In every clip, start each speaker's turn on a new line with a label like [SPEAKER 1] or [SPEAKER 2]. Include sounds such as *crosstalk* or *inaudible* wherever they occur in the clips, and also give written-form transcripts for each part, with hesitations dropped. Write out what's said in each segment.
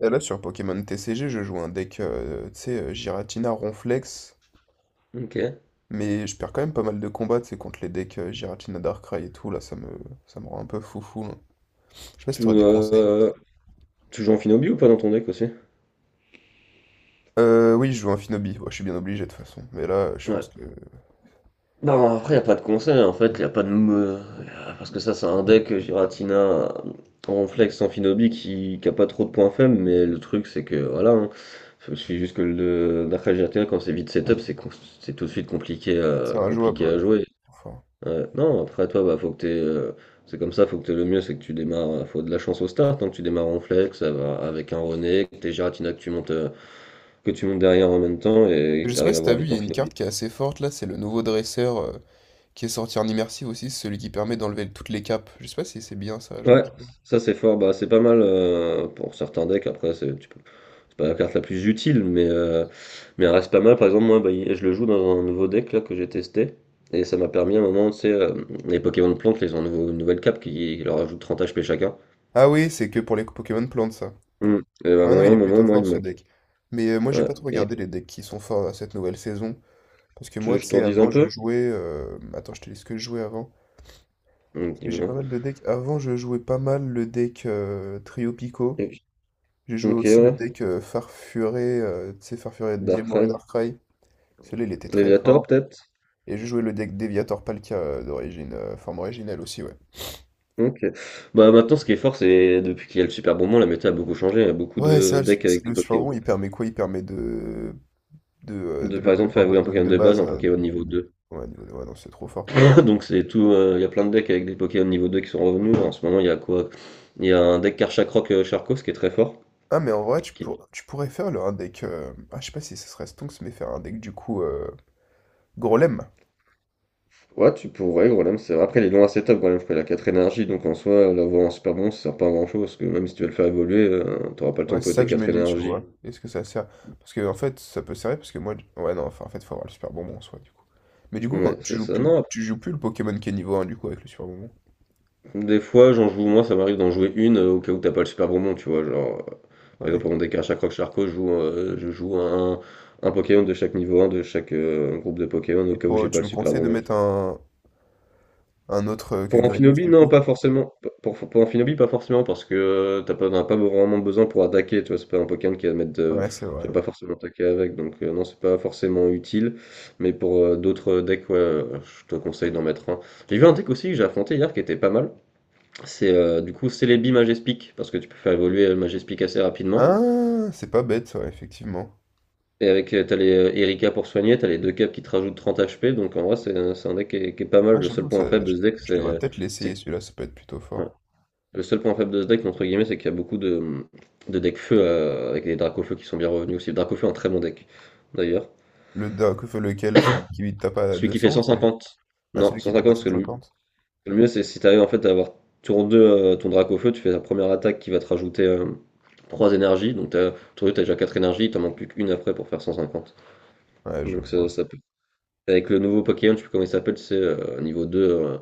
[SPEAKER 1] Et là, sur Pokémon TCG, je joue un deck, tu sais, Giratina, Ronflex,
[SPEAKER 2] Ok.
[SPEAKER 1] mais je perds quand même pas mal de combats, tu sais, contre les decks Giratina, Darkrai et tout, là, ça me rend un peu foufou, là. Je sais pas si
[SPEAKER 2] Tu,
[SPEAKER 1] t'aurais des conseils.
[SPEAKER 2] euh, tu joues en Finobi ou pas dans ton deck aussi?
[SPEAKER 1] Oui, je joue un Finobi. Ouais, je suis bien obligé, de toute façon, mais là, je
[SPEAKER 2] Ouais.
[SPEAKER 1] pense que
[SPEAKER 2] Non, après, il a pas de conseil, en fait, il a pas de... Parce que ça, c'est un deck Giratina, Ronflex en Finobi qui a pas trop de points faibles, mais le truc, c'est que, voilà, hein, il suffit juste que le Darkrai Giratina, quand c'est vite setup, c'est tout de suite compliqué
[SPEAKER 1] c'est
[SPEAKER 2] à,
[SPEAKER 1] injouable,
[SPEAKER 2] compliqué à
[SPEAKER 1] ouais.
[SPEAKER 2] jouer.
[SPEAKER 1] Enfin.
[SPEAKER 2] Ouais. Non, après, toi, bah, faut que t'aies... c'est comme ça, faut que t'aies le mieux, c'est que tu démarres, faut de la chance au start, hein, que tu démarres en flex, ça va avec un René, que t'es Giratina, que tu montes derrière en même temps et
[SPEAKER 1] Je
[SPEAKER 2] tu
[SPEAKER 1] sais pas
[SPEAKER 2] arrives à
[SPEAKER 1] si t'as
[SPEAKER 2] voir
[SPEAKER 1] vu, il
[SPEAKER 2] vite
[SPEAKER 1] y
[SPEAKER 2] en
[SPEAKER 1] a une
[SPEAKER 2] finale.
[SPEAKER 1] carte qui est assez forte, là, c'est le nouveau dresseur qui est sorti en immersive aussi, c'est celui qui permet d'enlever toutes les capes. Je sais pas si c'est bien ça à jouer.
[SPEAKER 2] Ouais, ça c'est fort, bah c'est pas mal pour certains decks, après c'est pas la carte la plus utile, mais elle reste pas mal. Par exemple, moi bah, je le joue dans un nouveau deck là que j'ai testé, et ça m'a permis à un moment, tu sais, les Pokémon de plantes, là, ils ont une nouvelle cape qui leur ajoute 30 HP chacun.
[SPEAKER 1] Ah oui, c'est que pour les Pokémon plantes, ça.
[SPEAKER 2] Mm. Et bah,
[SPEAKER 1] Ah non,
[SPEAKER 2] à
[SPEAKER 1] il
[SPEAKER 2] un
[SPEAKER 1] est
[SPEAKER 2] moment,
[SPEAKER 1] plutôt
[SPEAKER 2] moi il
[SPEAKER 1] fort
[SPEAKER 2] me
[SPEAKER 1] ce
[SPEAKER 2] manque.
[SPEAKER 1] deck. Mais moi, j'ai
[SPEAKER 2] Ouais.
[SPEAKER 1] pas trop
[SPEAKER 2] Et
[SPEAKER 1] regardé les decks qui sont forts à cette nouvelle saison. Parce que
[SPEAKER 2] tu veux
[SPEAKER 1] moi,
[SPEAKER 2] que
[SPEAKER 1] tu
[SPEAKER 2] je t'en
[SPEAKER 1] sais,
[SPEAKER 2] dise un
[SPEAKER 1] avant, je
[SPEAKER 2] peu?
[SPEAKER 1] jouais. Attends, je te dis ce que je jouais avant.
[SPEAKER 2] Mm,
[SPEAKER 1] Parce que j'ai pas
[SPEAKER 2] dis-moi.
[SPEAKER 1] mal de decks. Avant, je jouais pas mal le deck Trio Pico.
[SPEAKER 2] Et puis-
[SPEAKER 1] J'ai joué
[SPEAKER 2] Ok,
[SPEAKER 1] aussi le
[SPEAKER 2] ouais.
[SPEAKER 1] deck Farfuré. Tu sais, Farfuré Diamoré
[SPEAKER 2] Darkrai.
[SPEAKER 1] Darkrai. Celui-là, il était très
[SPEAKER 2] Léviator
[SPEAKER 1] fort.
[SPEAKER 2] peut-être?
[SPEAKER 1] Et j'ai joué le deck Deviator Palkia d'origine, forme originale aussi, ouais.
[SPEAKER 2] OK. Bah, maintenant, ce qui est fort, c'est depuis qu'il y a le Super Bonbon, la méta a beaucoup changé. Il y a beaucoup
[SPEAKER 1] Ouais,
[SPEAKER 2] de
[SPEAKER 1] ça, le, su-
[SPEAKER 2] decks avec
[SPEAKER 1] c'est-
[SPEAKER 2] des
[SPEAKER 1] le
[SPEAKER 2] Pokémon.
[SPEAKER 1] surbond, il permet quoi? Il permet de, de, euh,
[SPEAKER 2] De,
[SPEAKER 1] de
[SPEAKER 2] par
[SPEAKER 1] level
[SPEAKER 2] exemple,
[SPEAKER 1] up
[SPEAKER 2] faire
[SPEAKER 1] un
[SPEAKER 2] évoluer un
[SPEAKER 1] Pokémon
[SPEAKER 2] Pokémon
[SPEAKER 1] de
[SPEAKER 2] de base,
[SPEAKER 1] base.
[SPEAKER 2] un Pokémon niveau
[SPEAKER 1] De-
[SPEAKER 2] 2.
[SPEAKER 1] Ouais, ouais, non, c'est trop fort.
[SPEAKER 2] *laughs* Donc, c'est tout. Il y a plein de decks avec des Pokémon niveau 2 qui sont revenus. En ce moment, il y a quoi? Il y a un deck Karchakroc Charcos qui est très fort.
[SPEAKER 1] Ah, mais en vrai,
[SPEAKER 2] qui-
[SPEAKER 1] tu pourrais faire un deck. Ah, je sais pas si ce serait Stonks, mais faire un deck du coup Grolem.
[SPEAKER 2] Ouais, tu pourrais, Groudon, c'est vrai. Après, il est loin assez top, Groudon, parce qu'il a 4 énergies, donc en soi, l'avoir en super bon, ça sert pas à grand chose, parce que même si tu veux le faire évoluer, t'auras pas le temps
[SPEAKER 1] Ouais,
[SPEAKER 2] de
[SPEAKER 1] c'est
[SPEAKER 2] poser
[SPEAKER 1] ça
[SPEAKER 2] tes
[SPEAKER 1] que je me
[SPEAKER 2] 4
[SPEAKER 1] dis, tu
[SPEAKER 2] énergies.
[SPEAKER 1] vois. Est-ce que ça sert? Parce que en fait, ça peut servir parce que moi. Ouais, non, enfin, en fait, faut avoir le super bonbon en soi, du coup. Mais du coup, quand
[SPEAKER 2] Ouais, c'est ça. Non,
[SPEAKER 1] tu joues plus le Pokémon qui est niveau un du coup, avec le super bonbon.
[SPEAKER 2] des fois, j'en joue moins, ça m'arrive d'en jouer une au cas où t'as pas le super bonbon, tu vois. Genre, par exemple,
[SPEAKER 1] Ouais.
[SPEAKER 2] pendant des cartes Croc Charcot, je joue un Pokémon de chaque niveau un de chaque groupe de Pokémon au
[SPEAKER 1] Et
[SPEAKER 2] cas où j'ai pas
[SPEAKER 1] tu
[SPEAKER 2] le
[SPEAKER 1] me
[SPEAKER 2] super
[SPEAKER 1] conseilles de
[SPEAKER 2] bonbon.
[SPEAKER 1] mettre un autre que
[SPEAKER 2] Pour
[SPEAKER 1] Greenhouse,
[SPEAKER 2] Amphinobi,
[SPEAKER 1] du
[SPEAKER 2] non,
[SPEAKER 1] coup?
[SPEAKER 2] pas forcément. Pour Amphinobi, pas forcément, parce que t'as pas, t'en as pas vraiment besoin pour attaquer, tu vois. C'est pas un Pokémon qui va mettre.
[SPEAKER 1] Ouais, c'est
[SPEAKER 2] Tu
[SPEAKER 1] vrai.
[SPEAKER 2] vas pas forcément attaquer avec, donc non, c'est pas forcément utile. Mais pour d'autres decks, ouais, je te conseille d'en mettre un. J'ai vu un deck aussi que j'ai affronté hier qui était pas mal. C'est du coup Celebi Majespic, parce que tu peux faire évoluer Majespic assez rapidement.
[SPEAKER 1] Ah, c'est pas bête, ouais, effectivement.
[SPEAKER 2] Et avec, t'as les Erika pour soigner, t'as les deux caps qui te rajoutent 30 HP, donc en vrai, c'est un deck qui est pas mal.
[SPEAKER 1] Ah,
[SPEAKER 2] Le seul
[SPEAKER 1] j'avoue,
[SPEAKER 2] point faible de ce deck,
[SPEAKER 1] je devrais
[SPEAKER 2] c'est.
[SPEAKER 1] peut-être l'essayer,
[SPEAKER 2] c'est-
[SPEAKER 1] celui-là, ça peut être plutôt
[SPEAKER 2] ouais.
[SPEAKER 1] fort.
[SPEAKER 2] Le seul point faible de ce deck, entre guillemets, c'est qu'il y a beaucoup de decks feu avec des Dracofeu qui sont bien revenus aussi. Dracofeu est un très bon deck, d'ailleurs.
[SPEAKER 1] Le, d'un- Lequel, celui qui tape à
[SPEAKER 2] Celui qui fait
[SPEAKER 1] 200 ou celui...
[SPEAKER 2] 150.
[SPEAKER 1] Ah,
[SPEAKER 2] Non,
[SPEAKER 1] celui qui tape à
[SPEAKER 2] 150, parce que lui,
[SPEAKER 1] 150?
[SPEAKER 2] le mieux, c'est si t'arrives en fait à avoir tour 2 ton drac au feu, tu fais ta première attaque qui va te rajouter 3 énergies. Donc t'as, tour 2, t'as déjà 4 énergies, il t'en manque plus qu'une après pour faire 150.
[SPEAKER 1] Ouais, je
[SPEAKER 2] Donc ça,
[SPEAKER 1] vois.
[SPEAKER 2] ça peut. Avec le nouveau Pokémon, je sais plus comment il s'appelle, c'est niveau 2,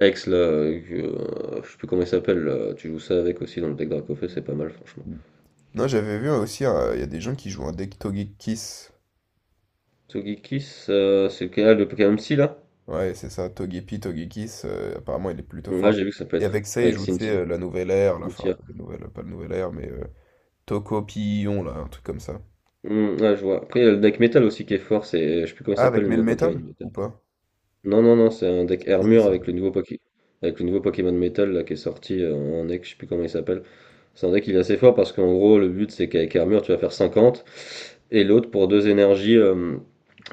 [SPEAKER 2] Ex, là, je sais plus comment il s'appelle, là, tu joues ça avec aussi dans le deck Dracofeu, c'est pas mal franchement.
[SPEAKER 1] Hmm. Non, j'avais vu aussi, il y a des gens qui jouent un deck Togekiss.
[SPEAKER 2] Tsugikis, c'est lequel, ah, le Pokémon Psy là?
[SPEAKER 1] Ouais, c'est ça, Togepi, Togekiss, apparemment il est plutôt
[SPEAKER 2] Là j'ai
[SPEAKER 1] fort.
[SPEAKER 2] vu que ça peut
[SPEAKER 1] Et
[SPEAKER 2] être
[SPEAKER 1] avec ça, il
[SPEAKER 2] avec
[SPEAKER 1] joue, tu sais,
[SPEAKER 2] Cynthia.
[SPEAKER 1] la nouvelle ère, là, enfin,
[SPEAKER 2] Cynthia.
[SPEAKER 1] pas la nouvelle ère, mais Tokopillon, là, un truc comme ça.
[SPEAKER 2] Hmm, ouais, je vois. Après il y a le deck métal aussi qui est fort, c'est je sais plus comment il
[SPEAKER 1] Ah,
[SPEAKER 2] s'appelle
[SPEAKER 1] avec
[SPEAKER 2] le nouveau Pokémon
[SPEAKER 1] Melmetal,
[SPEAKER 2] métal.
[SPEAKER 1] ou pas?
[SPEAKER 2] Non, non, non, c'est un deck
[SPEAKER 1] C'est dit
[SPEAKER 2] Hermure
[SPEAKER 1] ça.
[SPEAKER 2] avec le nouveau Pokémon Metal là, qui est sorti en deck, je sais plus comment il s'appelle. C'est un deck il est assez fort parce qu'en gros le but c'est qu'avec Hermure tu vas faire 50 et l'autre pour deux énergies euh,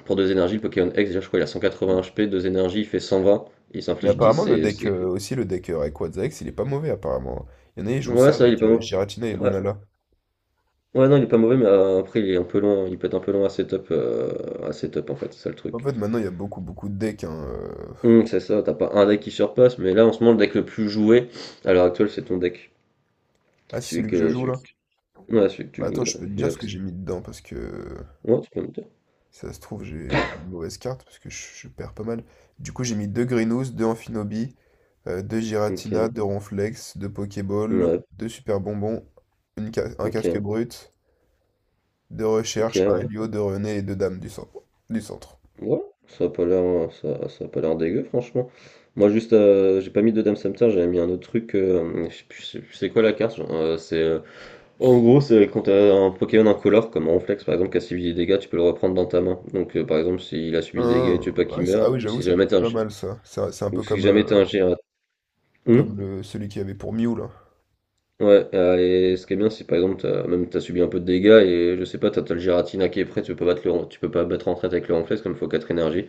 [SPEAKER 2] pour deux énergies le Pokémon X déjà je crois il a
[SPEAKER 1] Hmm.
[SPEAKER 2] 180 HP, deux énergies il fait 120, il
[SPEAKER 1] Mais
[SPEAKER 2] s'inflige
[SPEAKER 1] apparemment,
[SPEAKER 2] 10
[SPEAKER 1] le
[SPEAKER 2] et
[SPEAKER 1] deck,
[SPEAKER 2] c'est
[SPEAKER 1] euh, aussi le deck Rayquaza X, il est pas mauvais, apparemment. Il y en a, ils jouent
[SPEAKER 2] ouais
[SPEAKER 1] ça
[SPEAKER 2] ça il est
[SPEAKER 1] avec
[SPEAKER 2] pas mauvais.
[SPEAKER 1] Giratina et
[SPEAKER 2] Ouais.
[SPEAKER 1] Lunala.
[SPEAKER 2] Ouais, non il est pas mauvais mais après il est un peu long, il peut être un peu long à setup en fait, c'est ça le
[SPEAKER 1] En
[SPEAKER 2] truc.
[SPEAKER 1] fait, maintenant, il y a beaucoup, beaucoup de decks, hein,
[SPEAKER 2] C'est ça, t'as pas un deck qui surpasse mais là en ce moment le deck le plus joué à l'heure actuelle c'est ton deck,
[SPEAKER 1] Ah, c'est
[SPEAKER 2] celui
[SPEAKER 1] celui que je
[SPEAKER 2] que
[SPEAKER 1] joue,
[SPEAKER 2] celui
[SPEAKER 1] là?
[SPEAKER 2] ouais, celui que tu
[SPEAKER 1] Bah attends,
[SPEAKER 2] jouais,
[SPEAKER 1] je peux te
[SPEAKER 2] il
[SPEAKER 1] dire
[SPEAKER 2] a
[SPEAKER 1] ce que j'ai mis dedans parce que
[SPEAKER 2] Ouais, tu peux me dire.
[SPEAKER 1] ça se trouve, j'ai une mauvaise carte parce que je perds pas mal. Du coup, j'ai mis deux Grinous, deux Amphinobi, deux Giratina,
[SPEAKER 2] Ok,
[SPEAKER 1] deux Ronflex, deux Pokéball,
[SPEAKER 2] ouais,
[SPEAKER 1] deux Super Bonbons, un casque
[SPEAKER 2] ok,
[SPEAKER 1] brut, deux
[SPEAKER 2] ok,
[SPEAKER 1] Recherches, un
[SPEAKER 2] ouais.
[SPEAKER 1] Helio, deux René et deux Dames du centre. Du centre.
[SPEAKER 2] Ouais, ça a pas l'air, ça a pas l'air dégueu, franchement. Moi, juste, j'ai pas mis de Dame Samter, j'avais mis un autre truc. Je sais plus c'est quoi la carte. Genre, en gros, c'est quand t'as un Pokémon incolore, comme Ronflex par exemple, qui a subi des dégâts, tu peux le reprendre dans ta main. Donc, par exemple, s'il a subi des dégâts et tu
[SPEAKER 1] Hein,
[SPEAKER 2] veux pas qu'il
[SPEAKER 1] ouais,
[SPEAKER 2] meure,
[SPEAKER 1] ah oui, j'avoue, ça peut être pas mal ça. C'est un
[SPEAKER 2] ou
[SPEAKER 1] peu
[SPEAKER 2] si
[SPEAKER 1] comme
[SPEAKER 2] jamais t'as un Gyarados.
[SPEAKER 1] comme celui qu'il y avait pour Mew, là.
[SPEAKER 2] Ouais, et ce qui est bien, c'est par exemple, t'as, même t'as subi un peu de dégâts et je sais pas, t'as le Giratina qui est prêt, tu peux pas battre en retraite avec le Renflex comme il faut 4 énergies.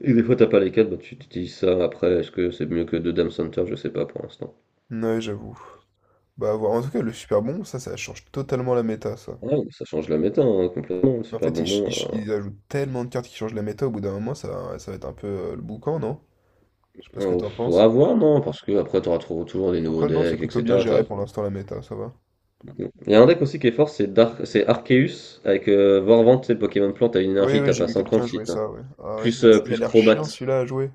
[SPEAKER 2] Et des fois t'as pas les 4 bah tu utilises ça après, est-ce que c'est mieux que deux Dame Center, je sais pas pour l'instant.
[SPEAKER 1] Ouais, j'avoue. Bah, à voir. En tout cas, le super bon, ça change totalement la méta, ça.
[SPEAKER 2] Ouais, donc ça change la méta hein, complètement, le
[SPEAKER 1] Mais en
[SPEAKER 2] super
[SPEAKER 1] fait,
[SPEAKER 2] bonbon.
[SPEAKER 1] ils ajoutent tellement de cartes qui changent la méta, au bout d'un moment, ça va être un peu le boucan, non? Je sais pas ce que t'en
[SPEAKER 2] Faut
[SPEAKER 1] penses.
[SPEAKER 2] avoir, non, parce que après t'auras toujours des nouveaux
[SPEAKER 1] Après, non, c'est
[SPEAKER 2] decks,
[SPEAKER 1] plutôt bien
[SPEAKER 2] etc.
[SPEAKER 1] géré pour l'instant, la méta, ça va.
[SPEAKER 2] Bon. Il y a un deck aussi qui est fort, c'est Arceus avec Vorvante, c'est Pokémon Plante, t'as une
[SPEAKER 1] Oui,
[SPEAKER 2] énergie,
[SPEAKER 1] oui,
[SPEAKER 2] t'as
[SPEAKER 1] j'ai
[SPEAKER 2] pas
[SPEAKER 1] vu
[SPEAKER 2] 50
[SPEAKER 1] quelqu'un
[SPEAKER 2] si
[SPEAKER 1] jouer
[SPEAKER 2] t'as
[SPEAKER 1] ça, ouais.
[SPEAKER 2] plus,
[SPEAKER 1] Il a
[SPEAKER 2] plus
[SPEAKER 1] l'air
[SPEAKER 2] Crobat.
[SPEAKER 1] chiant celui-là à jouer.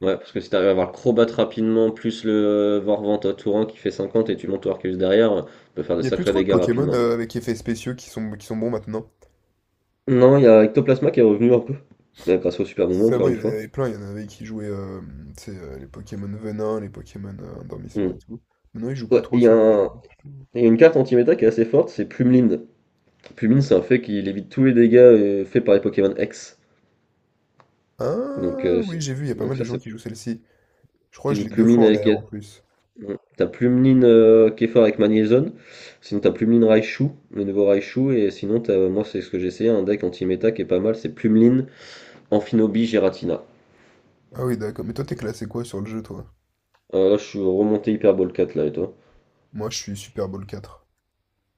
[SPEAKER 2] Ouais, parce que si t'arrives à avoir le crobat rapidement, plus le Vorvante à Tourin qui fait 50 et tu montes au Arceus derrière, tu peux faire
[SPEAKER 1] Il
[SPEAKER 2] des
[SPEAKER 1] n'y a plus
[SPEAKER 2] sacrés
[SPEAKER 1] trop de
[SPEAKER 2] dégâts
[SPEAKER 1] Pokémon
[SPEAKER 2] rapidement. En fait.
[SPEAKER 1] avec effets spéciaux qui sont bons maintenant.
[SPEAKER 2] Non, il y a Ectoplasma qui est revenu un peu, grâce au Super Bonbon
[SPEAKER 1] C'est
[SPEAKER 2] encore
[SPEAKER 1] avant, il
[SPEAKER 2] une
[SPEAKER 1] y en
[SPEAKER 2] fois.
[SPEAKER 1] avait plein, il y en avait qui jouaient tu sais, les Pokémon venin, les Pokémon endormissement et
[SPEAKER 2] Mm.
[SPEAKER 1] tout. Maintenant, ils jouent plus
[SPEAKER 2] Ouais, et
[SPEAKER 1] trop ça, les gens.
[SPEAKER 2] il y a une carte anti-méta qui est assez forte, c'est Plumeline. Plumeline, c'est un fait qui évite tous les dégâts faits par les Pokémon X. Donc,
[SPEAKER 1] Ah
[SPEAKER 2] euh,
[SPEAKER 1] oui, j'ai vu, il y a pas mal
[SPEAKER 2] donc
[SPEAKER 1] de
[SPEAKER 2] ça,
[SPEAKER 1] gens
[SPEAKER 2] c'est
[SPEAKER 1] qui jouent celle-ci. Je crois que je l'ai deux fois
[SPEAKER 2] Plumeline
[SPEAKER 1] en
[SPEAKER 2] avec.
[SPEAKER 1] air en plus.
[SPEAKER 2] Mm. T'as Plumlin qui avec Magnézone, sinon t'as Plumlin Raichu, le nouveau Raichu, et sinon t'as, moi c'est ce que j'ai essayé, un deck anti-méta qui est pas mal, c'est Plumlin, Amphinobi, Giratina.
[SPEAKER 1] Ah oui, d'accord. Mais toi, t'es classé quoi sur le jeu, toi?
[SPEAKER 2] Là je suis remonté Hyperball 4 là et toi?
[SPEAKER 1] Moi, je suis Super Bowl quatre.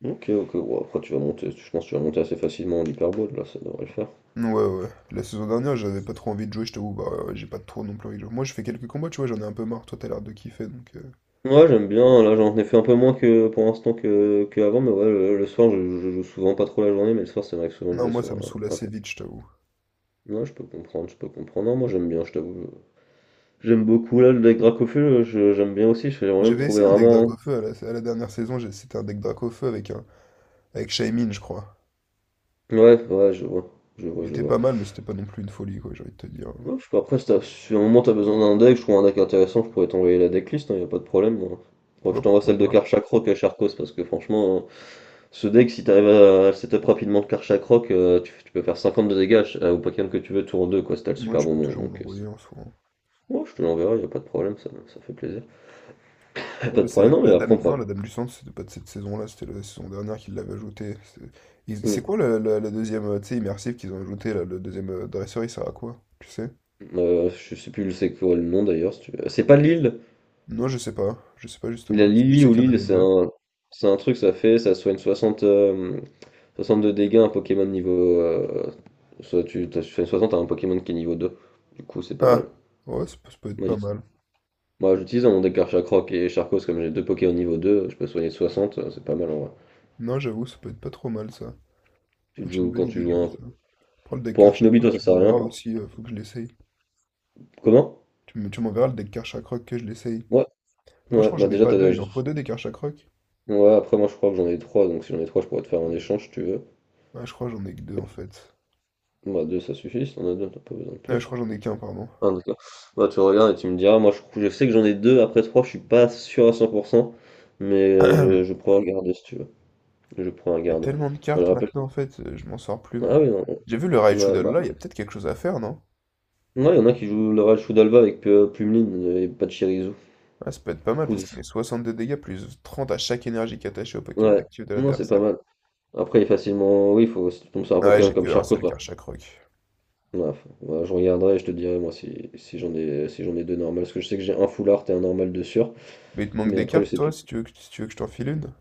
[SPEAKER 2] Ok, ok, bon, après tu vas monter, je pense que tu vas monter assez facilement en Hyperball, là ça devrait le faire.
[SPEAKER 1] Ouais, ouais. La saison dernière, j'avais pas trop envie de jouer, je t'avoue. Bah, ouais, j'ai pas trop non plus envie de jouer. Moi, je fais quelques combats, tu vois, j'en ai un peu marre. Toi, t'as l'air de kiffer, donc.
[SPEAKER 2] Ouais j'aime bien, là j'en ai fait un peu moins que pour l'instant que avant, mais ouais le soir je joue souvent pas trop la journée, mais le soir ça m'arrive souvent de
[SPEAKER 1] Non,
[SPEAKER 2] jouer
[SPEAKER 1] moi
[SPEAKER 2] sur
[SPEAKER 1] ça me saoule
[SPEAKER 2] un
[SPEAKER 1] assez
[SPEAKER 2] peu.
[SPEAKER 1] vite, je t'avoue.
[SPEAKER 2] Ouais je peux comprendre, non moi j'aime bien, je t'avoue, j'aime beaucoup là, le lac Dracofeu, j'aime bien aussi, j'aimerais bien me
[SPEAKER 1] J'avais
[SPEAKER 2] trouver
[SPEAKER 1] essayé un deck
[SPEAKER 2] vraiment.
[SPEAKER 1] Dracaufeu à à la dernière saison, c'était un deck Dracaufeu avec un avec Shaymin, je crois.
[SPEAKER 2] Ouais, ouais, je vois, je vois,
[SPEAKER 1] Il
[SPEAKER 2] je
[SPEAKER 1] était
[SPEAKER 2] vois.
[SPEAKER 1] pas mal, mais c'était pas non plus une folie, quoi, j'ai envie de te dire.
[SPEAKER 2] Ouais, je sais pas, après, si, si à un moment t'as besoin d'un deck, je trouve un deck intéressant, je pourrais t'envoyer la decklist, hein, y a pas de problème. Hein. Faudra que
[SPEAKER 1] Ouais,
[SPEAKER 2] je t'envoie
[SPEAKER 1] pourquoi
[SPEAKER 2] celle de
[SPEAKER 1] pas.
[SPEAKER 2] Karchak Rock à Charcos, parce que franchement, hein, ce deck, si t'arrives à setup rapidement de Karchak Rock, tu peux faire 50 de dégâts au Pokémon que tu veux, tour 2 quoi, si t'as le
[SPEAKER 1] Moi,
[SPEAKER 2] super
[SPEAKER 1] tu peux
[SPEAKER 2] bonbon.
[SPEAKER 1] toujours me
[SPEAKER 2] Donc,
[SPEAKER 1] l'envoyer en soi, hein.
[SPEAKER 2] ouais, je te l'enverrai, y a pas de problème, ça fait plaisir. *laughs* Pas
[SPEAKER 1] Non,
[SPEAKER 2] de
[SPEAKER 1] mais c'est
[SPEAKER 2] problème, non, mais
[SPEAKER 1] la
[SPEAKER 2] après,
[SPEAKER 1] dame.
[SPEAKER 2] on
[SPEAKER 1] Non,
[SPEAKER 2] pourra-
[SPEAKER 1] la dame du centre, c'était pas de cette saison-là, c'était la saison dernière qu'ils l'avaient ajouté.
[SPEAKER 2] Hmm.
[SPEAKER 1] C'est quoi la deuxième, tu sais, immersive qu'ils ont ajouté, là, le deuxième dresseur, il sert à quoi? Tu sais?
[SPEAKER 2] Je sais plus c'est quoi le nom d'ailleurs. Si tu veux. C'est pas l'île.
[SPEAKER 1] Non, je sais pas. Je sais pas
[SPEAKER 2] La
[SPEAKER 1] justement. Parce que je
[SPEAKER 2] Lily
[SPEAKER 1] sais
[SPEAKER 2] ou
[SPEAKER 1] qu'il y en
[SPEAKER 2] Lille,
[SPEAKER 1] avait
[SPEAKER 2] c'est
[SPEAKER 1] deux.
[SPEAKER 2] un, c'est un truc, ça fait, ça soigne 60, 60 de dégâts un Pokémon niveau. Soit tu fais 60 à un Pokémon qui est niveau 2. Du coup, c'est pas mal.
[SPEAKER 1] Ah! Ouais, ça peut être
[SPEAKER 2] Moi,
[SPEAKER 1] pas mal.
[SPEAKER 2] j'utilise moi, j'utilise dans mon deck Archacroc et Charcos, comme j'ai deux Pokémon niveau 2, je peux soigner 60, c'est pas mal en vrai.
[SPEAKER 1] Non, j'avoue, ça peut être pas trop mal ça.
[SPEAKER 2] Tu le
[SPEAKER 1] C'est une
[SPEAKER 2] joues
[SPEAKER 1] bonne
[SPEAKER 2] quand tu
[SPEAKER 1] idée de
[SPEAKER 2] joues
[SPEAKER 1] jouer
[SPEAKER 2] un.
[SPEAKER 1] ça. Prends le deck
[SPEAKER 2] Pour un
[SPEAKER 1] cache
[SPEAKER 2] Finobi,
[SPEAKER 1] Chakrak,
[SPEAKER 2] toi, ça
[SPEAKER 1] tu
[SPEAKER 2] sert à rien
[SPEAKER 1] m'enverras
[SPEAKER 2] pour.
[SPEAKER 1] aussi, faut que je l'essaye.
[SPEAKER 2] Comment?
[SPEAKER 1] Tu m'enverras le deck cache Chakrak que je l'essaye.
[SPEAKER 2] Ouais,
[SPEAKER 1] Après, je
[SPEAKER 2] ouais,
[SPEAKER 1] crois que
[SPEAKER 2] bah
[SPEAKER 1] j'en ai
[SPEAKER 2] déjà,
[SPEAKER 1] pas
[SPEAKER 2] t'as.
[SPEAKER 1] deux, il en faut deux des cartes Chakrak.
[SPEAKER 2] Ouais, après, moi, je crois que j'en ai 3 donc si j'en ai 3 je pourrais te faire un échange si tu veux.
[SPEAKER 1] Ah, je crois que j'en ai que deux en
[SPEAKER 2] Mais,
[SPEAKER 1] fait.
[SPEAKER 2] bah, 2, ça suffit, si t'en as 2, t'as pas besoin de
[SPEAKER 1] Ah,
[SPEAKER 2] plus.
[SPEAKER 1] je crois que j'en ai qu'un, pardon.
[SPEAKER 2] Enfin, en tout cas, bah, tu regardes et tu me diras, moi je sais que j'en ai deux, après trois, je suis pas sûr à 100%, mais je
[SPEAKER 1] *clears throat*
[SPEAKER 2] prends un garde si tu veux. Je prends un
[SPEAKER 1] Il y a
[SPEAKER 2] garde.
[SPEAKER 1] tellement de
[SPEAKER 2] Je
[SPEAKER 1] cartes
[SPEAKER 2] rappelle.
[SPEAKER 1] maintenant en fait, je m'en sors plus
[SPEAKER 2] Ah
[SPEAKER 1] moi.
[SPEAKER 2] oui, non,
[SPEAKER 1] J'ai vu le Raichu
[SPEAKER 2] ouais,
[SPEAKER 1] Doll,
[SPEAKER 2] bah,
[SPEAKER 1] là, il y a peut-être quelque chose à faire, non?
[SPEAKER 2] ouais, il y en a qui jouent le Real Shoudalva avec Plumlin et pas de Chirizu.
[SPEAKER 1] Ah, ça peut être pas mal parce
[SPEAKER 2] Kuz.
[SPEAKER 1] qu'il met 60 de dégâts plus 30 à chaque énergie attachée au Pokémon
[SPEAKER 2] Ouais,
[SPEAKER 1] actif de
[SPEAKER 2] non, c'est pas
[SPEAKER 1] l'adversaire.
[SPEAKER 2] mal. Après, il est facilement, oui, faut, si tu tombes sur un
[SPEAKER 1] Ouais,
[SPEAKER 2] Pokémon
[SPEAKER 1] j'ai que
[SPEAKER 2] comme
[SPEAKER 1] un
[SPEAKER 2] Charcot,
[SPEAKER 1] seul
[SPEAKER 2] bah,
[SPEAKER 1] carte Chakrak.
[SPEAKER 2] ouais, ouais, je regarderai et je te dirai, moi, si, si j'en ai deux normales, parce que je sais que j'ai un full art et un normal de sûr,
[SPEAKER 1] Mais il te manque
[SPEAKER 2] mais
[SPEAKER 1] des
[SPEAKER 2] après, je
[SPEAKER 1] cartes
[SPEAKER 2] sais plus.
[SPEAKER 1] toi si tu veux si tu veux que je t'en file une?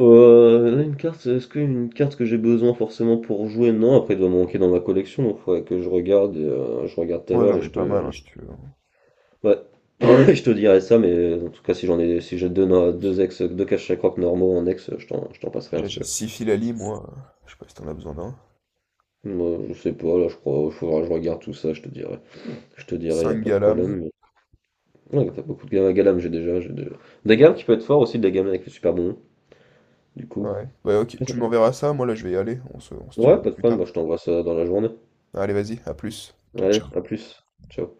[SPEAKER 2] Là, une carte, est-ce qu'une carte que j'ai besoin forcément pour jouer? Non, après, elle doit manquer dans ma collection, donc faudrait que je regarde tout à
[SPEAKER 1] Ouais,
[SPEAKER 2] l'heure
[SPEAKER 1] j'en
[SPEAKER 2] et
[SPEAKER 1] ai
[SPEAKER 2] je
[SPEAKER 1] pas
[SPEAKER 2] te,
[SPEAKER 1] mal hein, si
[SPEAKER 2] je-
[SPEAKER 1] tu veux, hein.
[SPEAKER 2] ouais. *laughs* *clears throat* Je te dirai ça, mais en tout cas, si j'ai deux, deux ex, deux caches à croque normaux en ex, je t'en passerai un
[SPEAKER 1] Déjà,
[SPEAKER 2] si tu
[SPEAKER 1] j'ai
[SPEAKER 2] veux.
[SPEAKER 1] 6 fils à lit, moi. Je sais pas si t'en as besoin d'un.
[SPEAKER 2] Moi, je sais pas, là, je crois, faudra que je regarde tout ça, je te dirai. Je te dirai, y a
[SPEAKER 1] 5
[SPEAKER 2] pas de
[SPEAKER 1] galames.
[SPEAKER 2] problème. Mais... Ouais, t'as beaucoup de gammes galam, j'ai déjà. Des gammes qui peut être fort aussi, des gammes avec le super bon, du coup.
[SPEAKER 1] Ouais. Bah, ok, tu m'enverras ça. Moi, là, je vais y aller. On se tient au
[SPEAKER 2] Ouais,
[SPEAKER 1] jeu
[SPEAKER 2] pas de
[SPEAKER 1] plus
[SPEAKER 2] problème,
[SPEAKER 1] tard.
[SPEAKER 2] moi, je t'envoie ça dans la journée.
[SPEAKER 1] Allez, vas-y, à plus. Ciao,
[SPEAKER 2] Allez,
[SPEAKER 1] ciao.
[SPEAKER 2] à plus. Ciao.